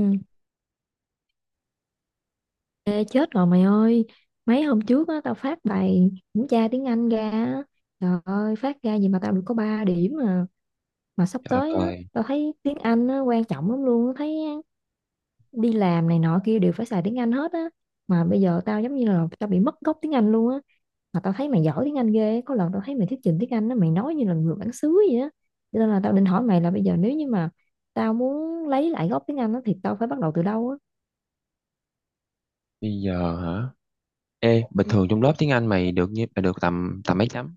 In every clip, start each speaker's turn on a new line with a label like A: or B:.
A: Ừ, ê, chết rồi mày ơi, mấy hôm trước á tao phát bài kiểm tra tiếng Anh ra á. Trời ơi, phát ra gì mà tao được có 3 điểm mà, sắp
B: Trời
A: tới
B: đất
A: á
B: ơi,
A: tao thấy tiếng Anh á, quan trọng lắm luôn thấy, đi làm này nọ kia đều phải xài tiếng Anh hết á, mà bây giờ tao giống như là tao bị mất gốc tiếng Anh luôn á. Mà tao thấy mày giỏi tiếng Anh ghê á. Có lần tao thấy mày thuyết trình tiếng Anh á, mày nói như là người bản xứ vậy á, cho nên là tao định hỏi mày là bây giờ nếu như mà tao muốn lấy lại gốc tiếng Anh á thì tao phải bắt đầu từ đâu á?
B: bây giờ hả? Ê, bình
A: Ừ.
B: thường trong lớp tiếng Anh mày được như mày được tầm tầm mấy chấm?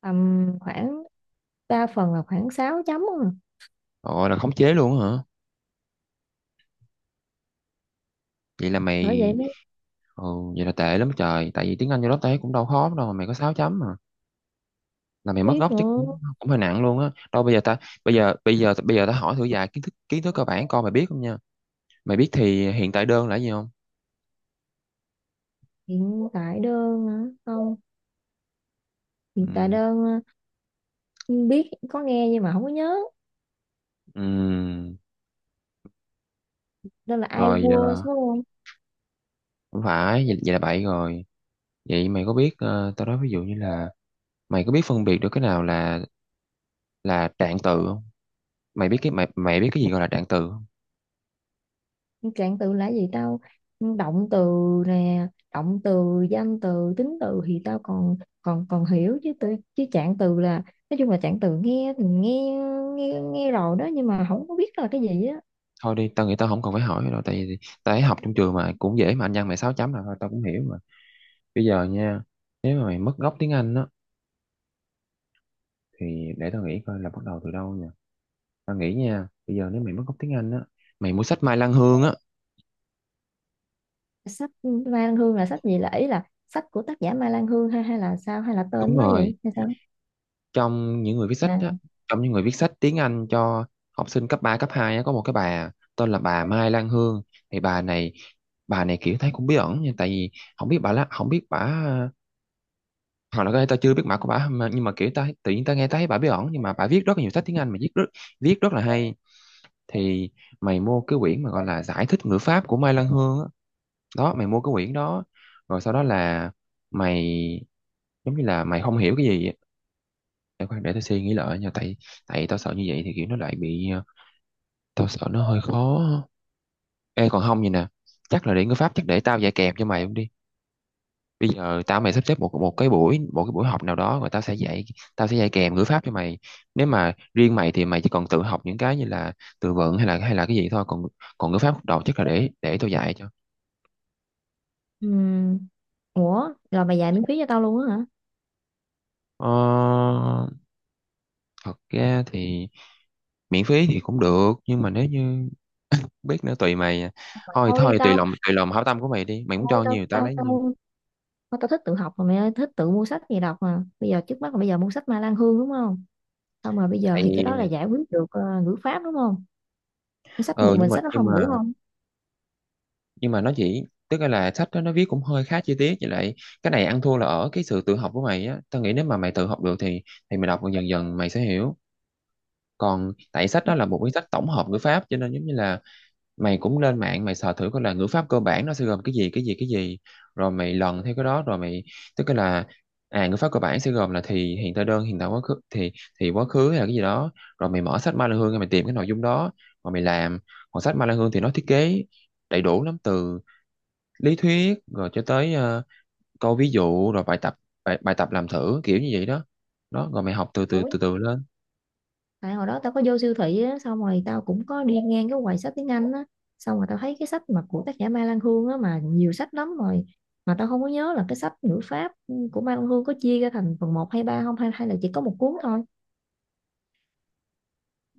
A: Tầm khoảng, đa phần là khoảng 6 chấm à.
B: Gọi là khống chế luôn hả? Vậy là
A: Bởi vậy
B: mày
A: mới
B: Ừ. Vậy là tệ lắm trời, tại vì tiếng Anh trong lớp tao cũng đâu khó đâu mà mày có 6 chấm mà. Là mày mất
A: biết
B: gốc chắc
A: nữa.
B: cũng cũng hơi nặng luôn á. Đâu, bây giờ ta bây giờ bây giờ bây giờ ta hỏi thử vài kiến thức cơ bản coi mày biết không nha. Mày biết thì hiện tại đơn là gì không?
A: Hiện tại đơn hả? Không. Hiện tại
B: Ừ,
A: đơn à, biết, có nghe nhưng mà không có nhớ.
B: ừ,
A: Đó là I
B: rồi,
A: was đúng không?
B: không phải vậy. Vậy là bậy rồi. Vậy mày có biết, tao nói ví dụ như là mày có biết phân biệt được cái nào là trạng từ không? Mày biết cái gì gọi là trạng từ không?
A: Trạng từ là gì tao, động từ nè, động từ, danh từ, tính từ thì tao còn còn còn hiểu, chứ từ, chứ trạng từ là, nói chung là trạng từ nghe thì nghe, nghe rồi đó nhưng mà không có biết là cái gì á.
B: Thôi đi, tao nghĩ tao không cần phải hỏi đâu, tại vì tao thấy học trong trường mà cũng dễ mà, anh văn mày 6 chấm là thôi tao cũng hiểu mà. Bây giờ nha, nếu mà mày mất gốc tiếng Anh á thì để tao nghĩ coi là bắt đầu từ đâu nha. Tao nghĩ nha, bây giờ nếu mày mất gốc tiếng Anh á, mày mua sách Mai Lan Hương á.
A: Sách Mai Lan Hương là sách gì, là ý là sách của tác giả Mai Lan Hương hay, hay là sao, hay là
B: Đúng
A: tên nó
B: rồi.
A: vậy hay sao?
B: trong những người viết sách á
A: À.
B: Trong những người viết sách tiếng Anh cho học sinh cấp 3 cấp 2 á, có một cái bà tên là bà Mai Lan Hương. Thì bà này kiểu thấy cũng bí ẩn nha, tại vì không biết bà lá, không biết bà, hoặc là có thể tao chưa biết mặt của bả mà. Nhưng mà kiểu tao tự nhiên tao nghe tao thấy bả bí ẩn, nhưng mà bả viết rất là nhiều sách tiếng Anh mà viết rất là hay. Thì mày mua cái quyển mà gọi là giải thích ngữ pháp của Mai Lan Hương á. Đó, mày mua cái quyển đó rồi sau đó là mày giống như là mày không hiểu cái gì á. Để khoan, để tao suy nghĩ lại nha, tại tại tao sợ như vậy thì kiểu nó lại bị, tao sợ nó hơi khó. Ê, còn không vậy nè, chắc là để ngữ pháp chắc để tao dạy kèm cho mày đi. Bây giờ mày sắp xếp một một cái buổi học nào đó rồi tao sẽ dạy kèm ngữ pháp cho mày. Nếu mà riêng mày thì mày chỉ còn tự học những cái như là từ vựng hay là cái gì thôi, còn còn ngữ pháp đầu chắc là để tao dạy cho.
A: Ừ. Ủa, rồi mày dạy miễn phí cho tao luôn á hả?
B: ờ, Thật ra thì miễn phí thì cũng được, nhưng mà nếu như, biết nữa, tùy mày à.
A: Mà
B: Thôi
A: thôi đi
B: thôi,
A: tao,
B: tùy lòng hảo tâm của mày đi, mày muốn
A: thôi
B: cho
A: tao
B: nhiều tao
A: tao
B: lấy nhiều.
A: tao thôi tao thích tự học mà, mày thích tự mua sách gì đọc mà. Bây giờ trước mắt là bây giờ mua sách Ma Lan Hương đúng không? Không, mà bây giờ
B: Tại
A: thì cái đó là giải quyết được ngữ pháp đúng không? Mua sách,
B: ờ
A: một mình sách nó không đủ không?
B: Nhưng mà nó chỉ tức là sách đó nó viết cũng hơi khá chi tiết, với lại cái này ăn thua là ở cái sự tự học của mày á. Tao nghĩ nếu mà mày tự học được thì mày đọc dần dần mày sẽ hiểu. Còn tại sách đó là một cái sách tổng hợp ngữ pháp cho nên giống như là mày cũng lên mạng mày sờ thử coi là ngữ pháp cơ bản nó sẽ gồm cái gì, cái gì, cái gì. Rồi mày lần theo cái đó rồi mày, tức là, ngữ pháp cơ bản sẽ gồm là thì hiện tại đơn, hiện tại quá khứ, thì quá khứ hay là cái gì đó. Rồi mày mở sách Ma Lan Hương mày tìm cái nội dung đó mà mày làm. Còn sách Ma Lan Hương thì nó thiết kế đầy đủ lắm, từ lý thuyết rồi cho tới, câu ví dụ, rồi bài tập làm thử kiểu như vậy đó. Đó, rồi mày học từ từ
A: Ủa,
B: từ từ lên.
A: tại hồi đó tao có vô siêu thị á, xong rồi tao cũng có đi ngang cái quầy sách tiếng Anh á, xong rồi tao thấy cái sách mà của tác giả Ma Lan Hương á mà nhiều sách lắm rồi. Mà tao không có nhớ là cái sách ngữ pháp của Ma Lan Hương có chia ra thành phần một hay 3 không, hay hay là chỉ có một cuốn thôi.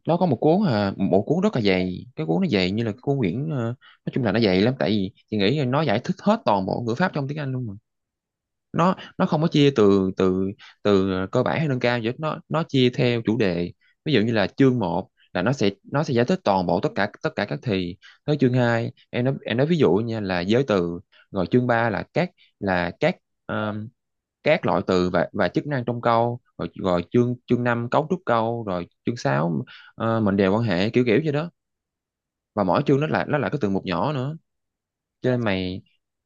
B: Nó có một cuốn rất là dày, cái cuốn nó dày như là cái cuốn quyển, nói chung là nó dày lắm, tại vì chị nghĩ là nó giải thích hết toàn bộ ngữ pháp trong tiếng Anh luôn mà. Nó không có chia từ từ từ cơ bản hay nâng cao gì hết, nó chia theo chủ đề. Ví dụ như là chương 1 là nó sẽ giải thích toàn bộ tất cả các thì. Tới chương 2, em nói ví dụ nha là giới từ. Rồi chương 3 là um, các loại từ và chức năng trong câu, rồi rồi chương chương 5 cấu trúc câu, rồi chương 6, mệnh đề quan hệ kiểu kiểu vậy đó. Và mỗi chương nó là, nó là cái từ mục nhỏ nữa. cho nên mày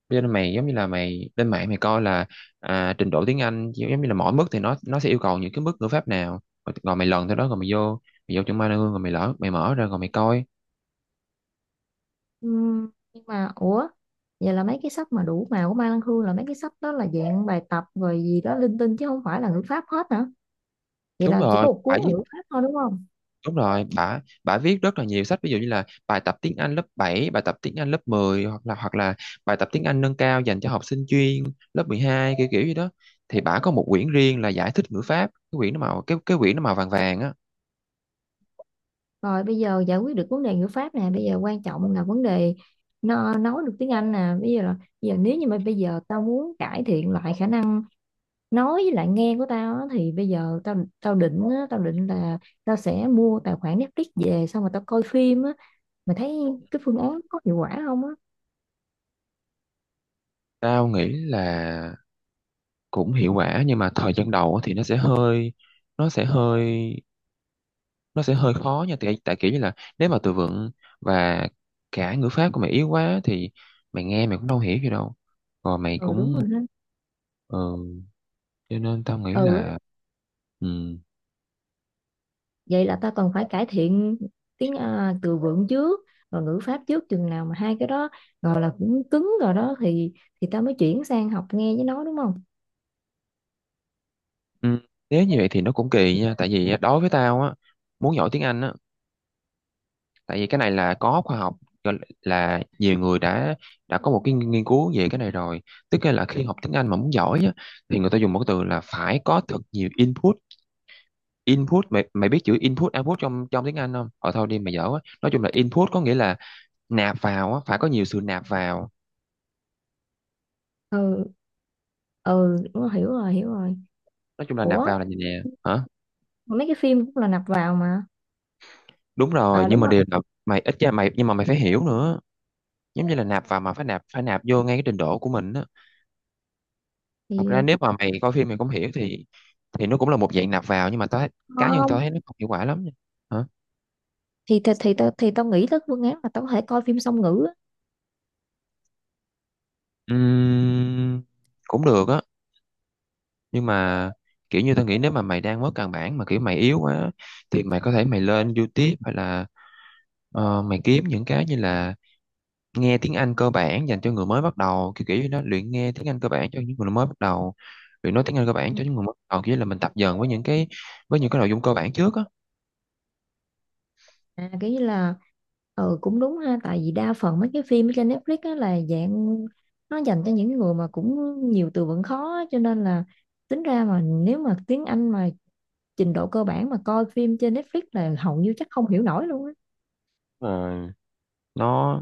B: cho nên mày giống như là mày lên mạng mày coi là, à, trình độ tiếng Anh giống như là mỗi mức thì nó sẽ yêu cầu những cái mức ngữ pháp nào. Rồi, mày lần theo đó rồi mày vô chuẩn ba hương rồi mày lỡ mày mở ra rồi mày coi.
A: Nhưng mà ủa, vậy là mấy cái sách mà đủ màu của Mai Lan Hương, là mấy cái sách đó là dạng bài tập rồi gì đó linh tinh chứ không phải là ngữ pháp hết hả? Vậy
B: đúng
A: là chỉ
B: rồi
A: có một
B: bả
A: cuốn là
B: viết
A: ngữ pháp thôi đúng không?
B: Đúng rồi, bả bả viết rất là nhiều sách, ví dụ như là bài tập tiếng Anh lớp 7, bài tập tiếng Anh lớp 10, hoặc là bài tập tiếng Anh nâng cao dành cho học sinh chuyên lớp 12 kiểu kiểu gì đó. Thì bả có một quyển riêng là giải thích ngữ pháp. Cái quyển nó màu vàng vàng á.
A: Rồi bây giờ giải quyết được vấn đề ngữ pháp nè, bây giờ quan trọng là vấn đề nó nói được tiếng Anh nè. Bây giờ là, bây giờ nếu như mà bây giờ tao muốn cải thiện lại khả năng nói với lại nghe của tao á, thì bây giờ tao tao định á, tao định là tao sẽ mua tài khoản Netflix về xong rồi tao coi phim á. Mày thấy cái phương án có hiệu quả không á?
B: Tao nghĩ là cũng hiệu quả, nhưng mà thời gian đầu á thì nó sẽ hơi nó sẽ hơi khó nha, tại tại kiểu như là, nếu mà từ vựng và cả ngữ pháp của mày yếu quá thì mày nghe mày cũng đâu hiểu gì đâu, rồi mày
A: Ừ đúng
B: cũng,
A: rồi ha.
B: ừ, cho nên tao nghĩ
A: Ừ á,
B: là, ừ,
A: vậy là ta còn phải cải thiện tiếng, à, từ vựng trước và ngữ pháp trước, chừng nào mà hai cái đó gọi là cũng cứng rồi đó thì ta mới chuyển sang học nghe với nói đúng không?
B: ừ, nếu như vậy thì nó cũng kỳ nha. Tại vì á, đối với tao á, muốn giỏi tiếng Anh á, tại vì cái này là có khoa học, gọi là nhiều người đã có một cái nghiên cứu về cái này rồi. Tức là khi học tiếng Anh mà muốn giỏi á, thì người ta dùng một cái từ là phải có thật nhiều input. Input, mày mày biết chữ input output trong trong tiếng Anh không? Ờ thôi đi, mày dở quá. Nói chung là input có nghĩa là nạp vào á, phải có nhiều sự nạp vào.
A: Ừ. Ừ đúng rồi, hiểu rồi hiểu rồi.
B: Nói chung là nạp
A: Ủa,
B: vào là gì nè? Hả?
A: mấy cái phim cũng là nạp vào mà.
B: Đúng rồi,
A: À
B: nhưng
A: đúng
B: mà
A: rồi.
B: điều là mày ít ra mày, nhưng mà mày phải hiểu nữa. Giống như là nạp vào mà phải nạp vô ngay cái trình độ của mình á. Thật
A: thì
B: ra nếu mà mày coi phim mày không hiểu thì nó cũng là một dạng nạp vào, nhưng mà cá nhân tao
A: Không,
B: thấy nó không hiệu quả lắm nha. Hả?
A: tao nghĩ tới phương án là tao có thể coi phim song ngữ á.
B: Ừm, cũng được á, nhưng mà kiểu như tao nghĩ nếu mà mày đang mất căn bản mà kiểu mày yếu quá thì mày có thể mày lên YouTube hay là, mày kiếm những cái như là nghe tiếng Anh cơ bản dành cho người mới bắt đầu, kiểu kiểu như nó luyện nghe tiếng Anh cơ bản cho những người mới bắt đầu, luyện nói tiếng Anh cơ bản
A: Ừ.
B: cho những người mới bắt đầu, kiểu như là mình tập dần với những cái nội dung cơ bản trước á.
A: À, cái như là, ừ cũng đúng ha, tại vì đa phần mấy cái phim ở trên Netflix á là dạng nó dành cho những người mà cũng nhiều từ vựng khó á, cho nên là tính ra mà nếu mà tiếng Anh mà trình độ cơ bản mà coi phim trên Netflix là hầu như chắc không hiểu nổi luôn á.
B: Ờ, nó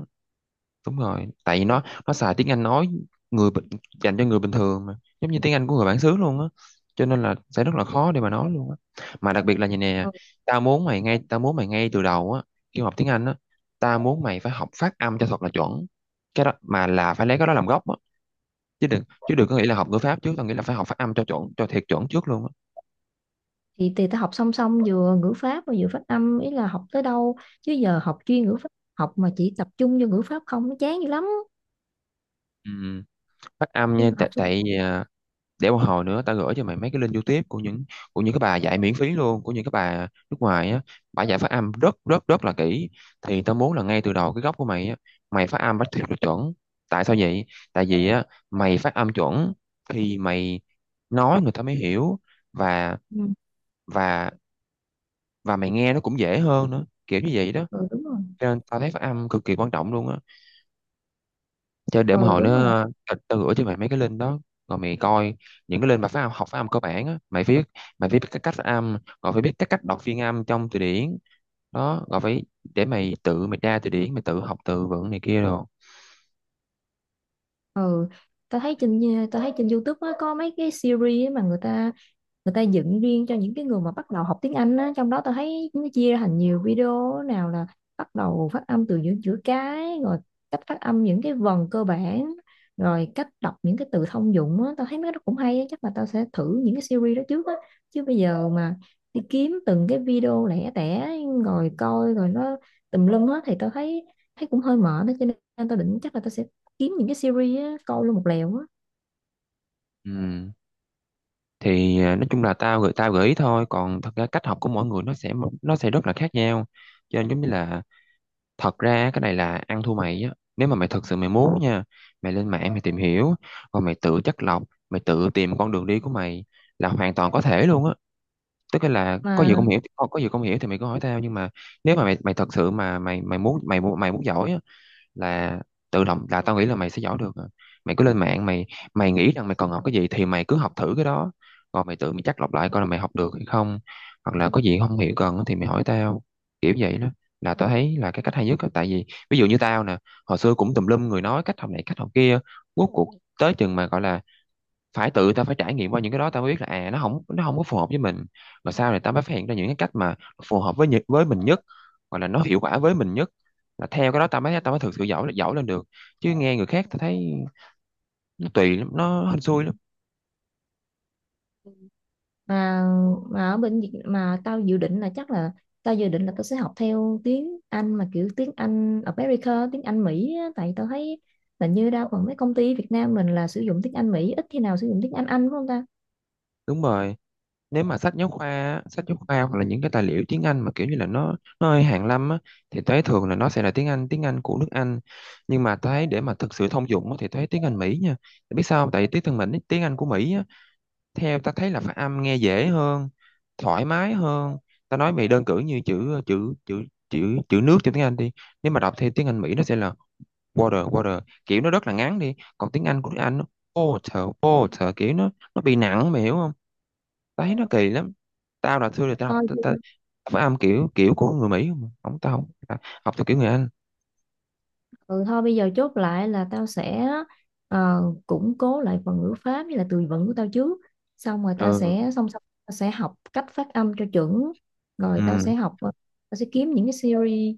B: đúng rồi tại vì nó xài tiếng Anh nói người bình- dành cho người bình thường mà, giống như tiếng Anh của người bản xứ luôn á, cho nên là sẽ rất là khó để mà nói luôn á. Mà đặc biệt là như nè,
A: Ừ.
B: tao muốn mày ngay từ đầu á, khi mà học tiếng Anh á, tao muốn mày phải học phát âm cho thật là chuẩn. Cái đó mà là phải lấy cái đó làm gốc á, chứ đừng có nghĩ là học ngữ pháp trước, tao nghĩ là phải học phát âm cho chuẩn cho thiệt chuẩn trước luôn á.
A: thì ta học song song vừa ngữ pháp mà vừa phát âm, ý là học tới đâu, chứ giờ học chuyên ngữ pháp, học mà chỉ tập trung vô ngữ pháp không nó chán dữ lắm.
B: Ừ, phát âm
A: Nên
B: nha,
A: là
B: tại
A: học song.
B: tại à, để một hồi nữa tao gửi cho mày mấy cái link YouTube của những, cái bà dạy miễn phí luôn, của những cái bà nước ngoài á. Bà dạy phát âm rất rất rất là kỹ. Thì tao muốn là ngay từ đầu cái gốc của mày á, mày phát âm phải thật là chuẩn. Tại sao vậy? Tại vì á, mày phát âm chuẩn thì mày nói người ta mới hiểu, và
A: Ừ.
B: và mày nghe nó cũng dễ hơn nữa kiểu như Vậy đó,
A: Ừ đúng rồi.
B: cho nên tao thấy phát âm cực kỳ quan trọng luôn á. Cho để một
A: Ừ
B: hồi nó
A: đúng rồi.
B: tao tao gửi cho mày mấy cái link đó rồi mày coi những cái link mà phát âm, học phát âm cơ bản á. Mày viết, mày phải biết cái cách phát âm, rồi phải biết cái cách đọc phiên âm trong từ điển đó, rồi phải để mày tự mày tra từ điển, mày tự học từ vựng này kia rồi.
A: Ừ, tao thấy trên, tao thấy trên YouTube á, có mấy cái series á mà người ta, người ta dựng riêng cho những cái người mà bắt đầu học tiếng Anh á, trong đó tôi thấy nó chia ra thành nhiều video, nào là bắt đầu phát âm từ những chữ cái, rồi cách phát âm những cái vần cơ bản, rồi cách đọc những cái từ thông dụng á. Tao thấy mấy cái đó cũng hay á, chắc là tao sẽ thử những cái series đó trước á, chứ bây giờ mà đi kiếm từng cái video lẻ tẻ rồi coi rồi nó tùm lum hết thì tao thấy, thấy cũng hơi mệt đó, cho nên tao định chắc là tao sẽ kiếm những cái series á, coi luôn một lèo á.
B: Ừ. Thì nói chung là tao gửi ý thôi, còn thật ra cách học của mỗi người nó sẽ rất là khác nhau. Cho nên giống như là thật ra á, cái này là ăn thua mày á. Nếu mà mày thật sự mày muốn nha, mày lên mạng mày tìm hiểu rồi mày tự chắt lọc, mày tự tìm con đường đi của mày là hoàn toàn có thể luôn á. Tức là có
A: mà
B: gì không hiểu có gì không hiểu thì mày cứ hỏi tao. Nhưng mà nếu mà mày mày thật sự mà mày mày muốn mày muốn giỏi á, là tự động là tao nghĩ là mày sẽ giỏi được à. Mày cứ lên mạng mày, mày nghĩ rằng mày còn học cái gì thì mày cứ học thử cái đó, rồi mày tự mày chắc lọc lại coi là mày học được hay không, hoặc là có gì không hiểu cần thì mày hỏi tao, kiểu vậy đó, là tao thấy là cái cách hay nhất á. Tại vì ví dụ như tao nè, hồi xưa cũng tùm lum người nói cách học này cách học kia, rốt cuộc tới chừng mà gọi là phải tự tao phải trải nghiệm qua những cái đó tao mới biết là à, nó không có phù hợp với mình. Mà sau này tao mới phát hiện ra những cái cách mà phù hợp với với mình nhất, hoặc là nó hiệu quả với mình nhất, là theo cái đó tao mới thực sự giỏi giỏi lên được. Chứ nghe người khác tao thấy nó tùy lắm, nó hên xui lắm.
A: mà mà ở bên Việt mà tao dự định là chắc là, tao dự định là tao sẽ học theo tiếng Anh mà kiểu tiếng Anh America, tiếng Anh Mỹ á. Tại tao thấy là như đa phần mấy công ty Việt Nam mình là sử dụng tiếng Anh Mỹ, ít khi nào sử dụng tiếng Anh phải không ta?
B: Đúng rồi. Nếu mà sách giáo khoa á, sách giáo khoa hoặc là những cái tài liệu tiếng Anh mà kiểu như là nó hơi hàn lâm á, thì tao thấy thường là nó sẽ là tiếng Anh của nước Anh. Nhưng mà tao thấy để mà thực sự thông dụng á, thì tao thấy tiếng Anh Mỹ nha. Tại biết sao không? Tại tiếng thân mình tiếng Anh của Mỹ á, theo ta thấy là phát âm nghe dễ hơn, thoải mái hơn. Ta nói mày đơn cử như chữ chữ chữ chữ chữ nước trong tiếng Anh đi. Nếu mà đọc theo tiếng Anh Mỹ nó sẽ là water water, kiểu nó rất là ngắn đi. Còn tiếng Anh của tiếng Anh nó water water, kiểu nó bị nặng, mày hiểu không? Ta thấy nó kỳ lắm. Tao là xưa là tao học
A: Thôi
B: ta, ta,
A: thì-
B: phát âm kiểu kiểu của người Mỹ không mà. Không, tao không ta học theo kiểu người Anh.
A: ừ, thôi bây giờ chốt lại là tao sẽ, ờ, củng cố lại phần ngữ pháp với là từ vựng của tao trước, xong rồi tao
B: Ừ.
A: sẽ song song tao sẽ học cách phát âm cho chuẩn, rồi tao
B: Ừ,
A: sẽ học tao sẽ kiếm những cái series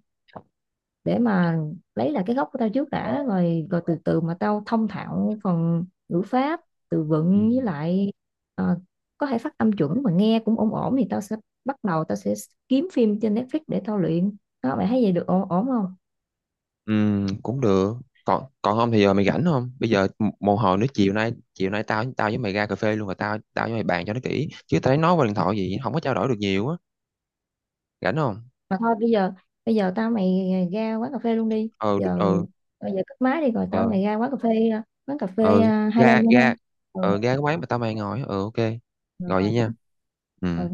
A: để mà lấy lại cái gốc của tao trước đã, rồi rồi từ từ mà tao thông thạo phần ngữ pháp, từ
B: ừ.
A: vựng với lại, ờ, có thể phát âm chuẩn mà nghe cũng ổn ổn thì tao sẽ bắt đầu, tao sẽ kiếm phim trên Netflix để tao luyện. Đó mày thấy vậy được ổn ổn không?
B: Cũng được. Còn còn không thì giờ mày rảnh không? Bây giờ một hồi nữa chiều nay, tao tao với mày ra cà phê luôn, rồi tao tao với mày bàn cho nó kỹ. Chứ tao thấy nói qua điện thoại gì không có trao đổi được nhiều á. Rảnh không?
A: Mà thôi bây giờ, bây giờ tao mày ra quán cà phê luôn đi.
B: Ừ
A: Giờ
B: ừ.
A: bây giờ cất máy đi rồi tao
B: ừ
A: mày ra quán cà phê, quán cà phê,
B: ừ
A: Highland
B: Ra
A: luôn ha.
B: ra.
A: Ừ.
B: Ừ, ra cái quán mà tao mày ngồi á. Ừ, ok.
A: Rồi,
B: Rồi
A: rồi.
B: vậy nha.
A: Ừ.
B: Ừ.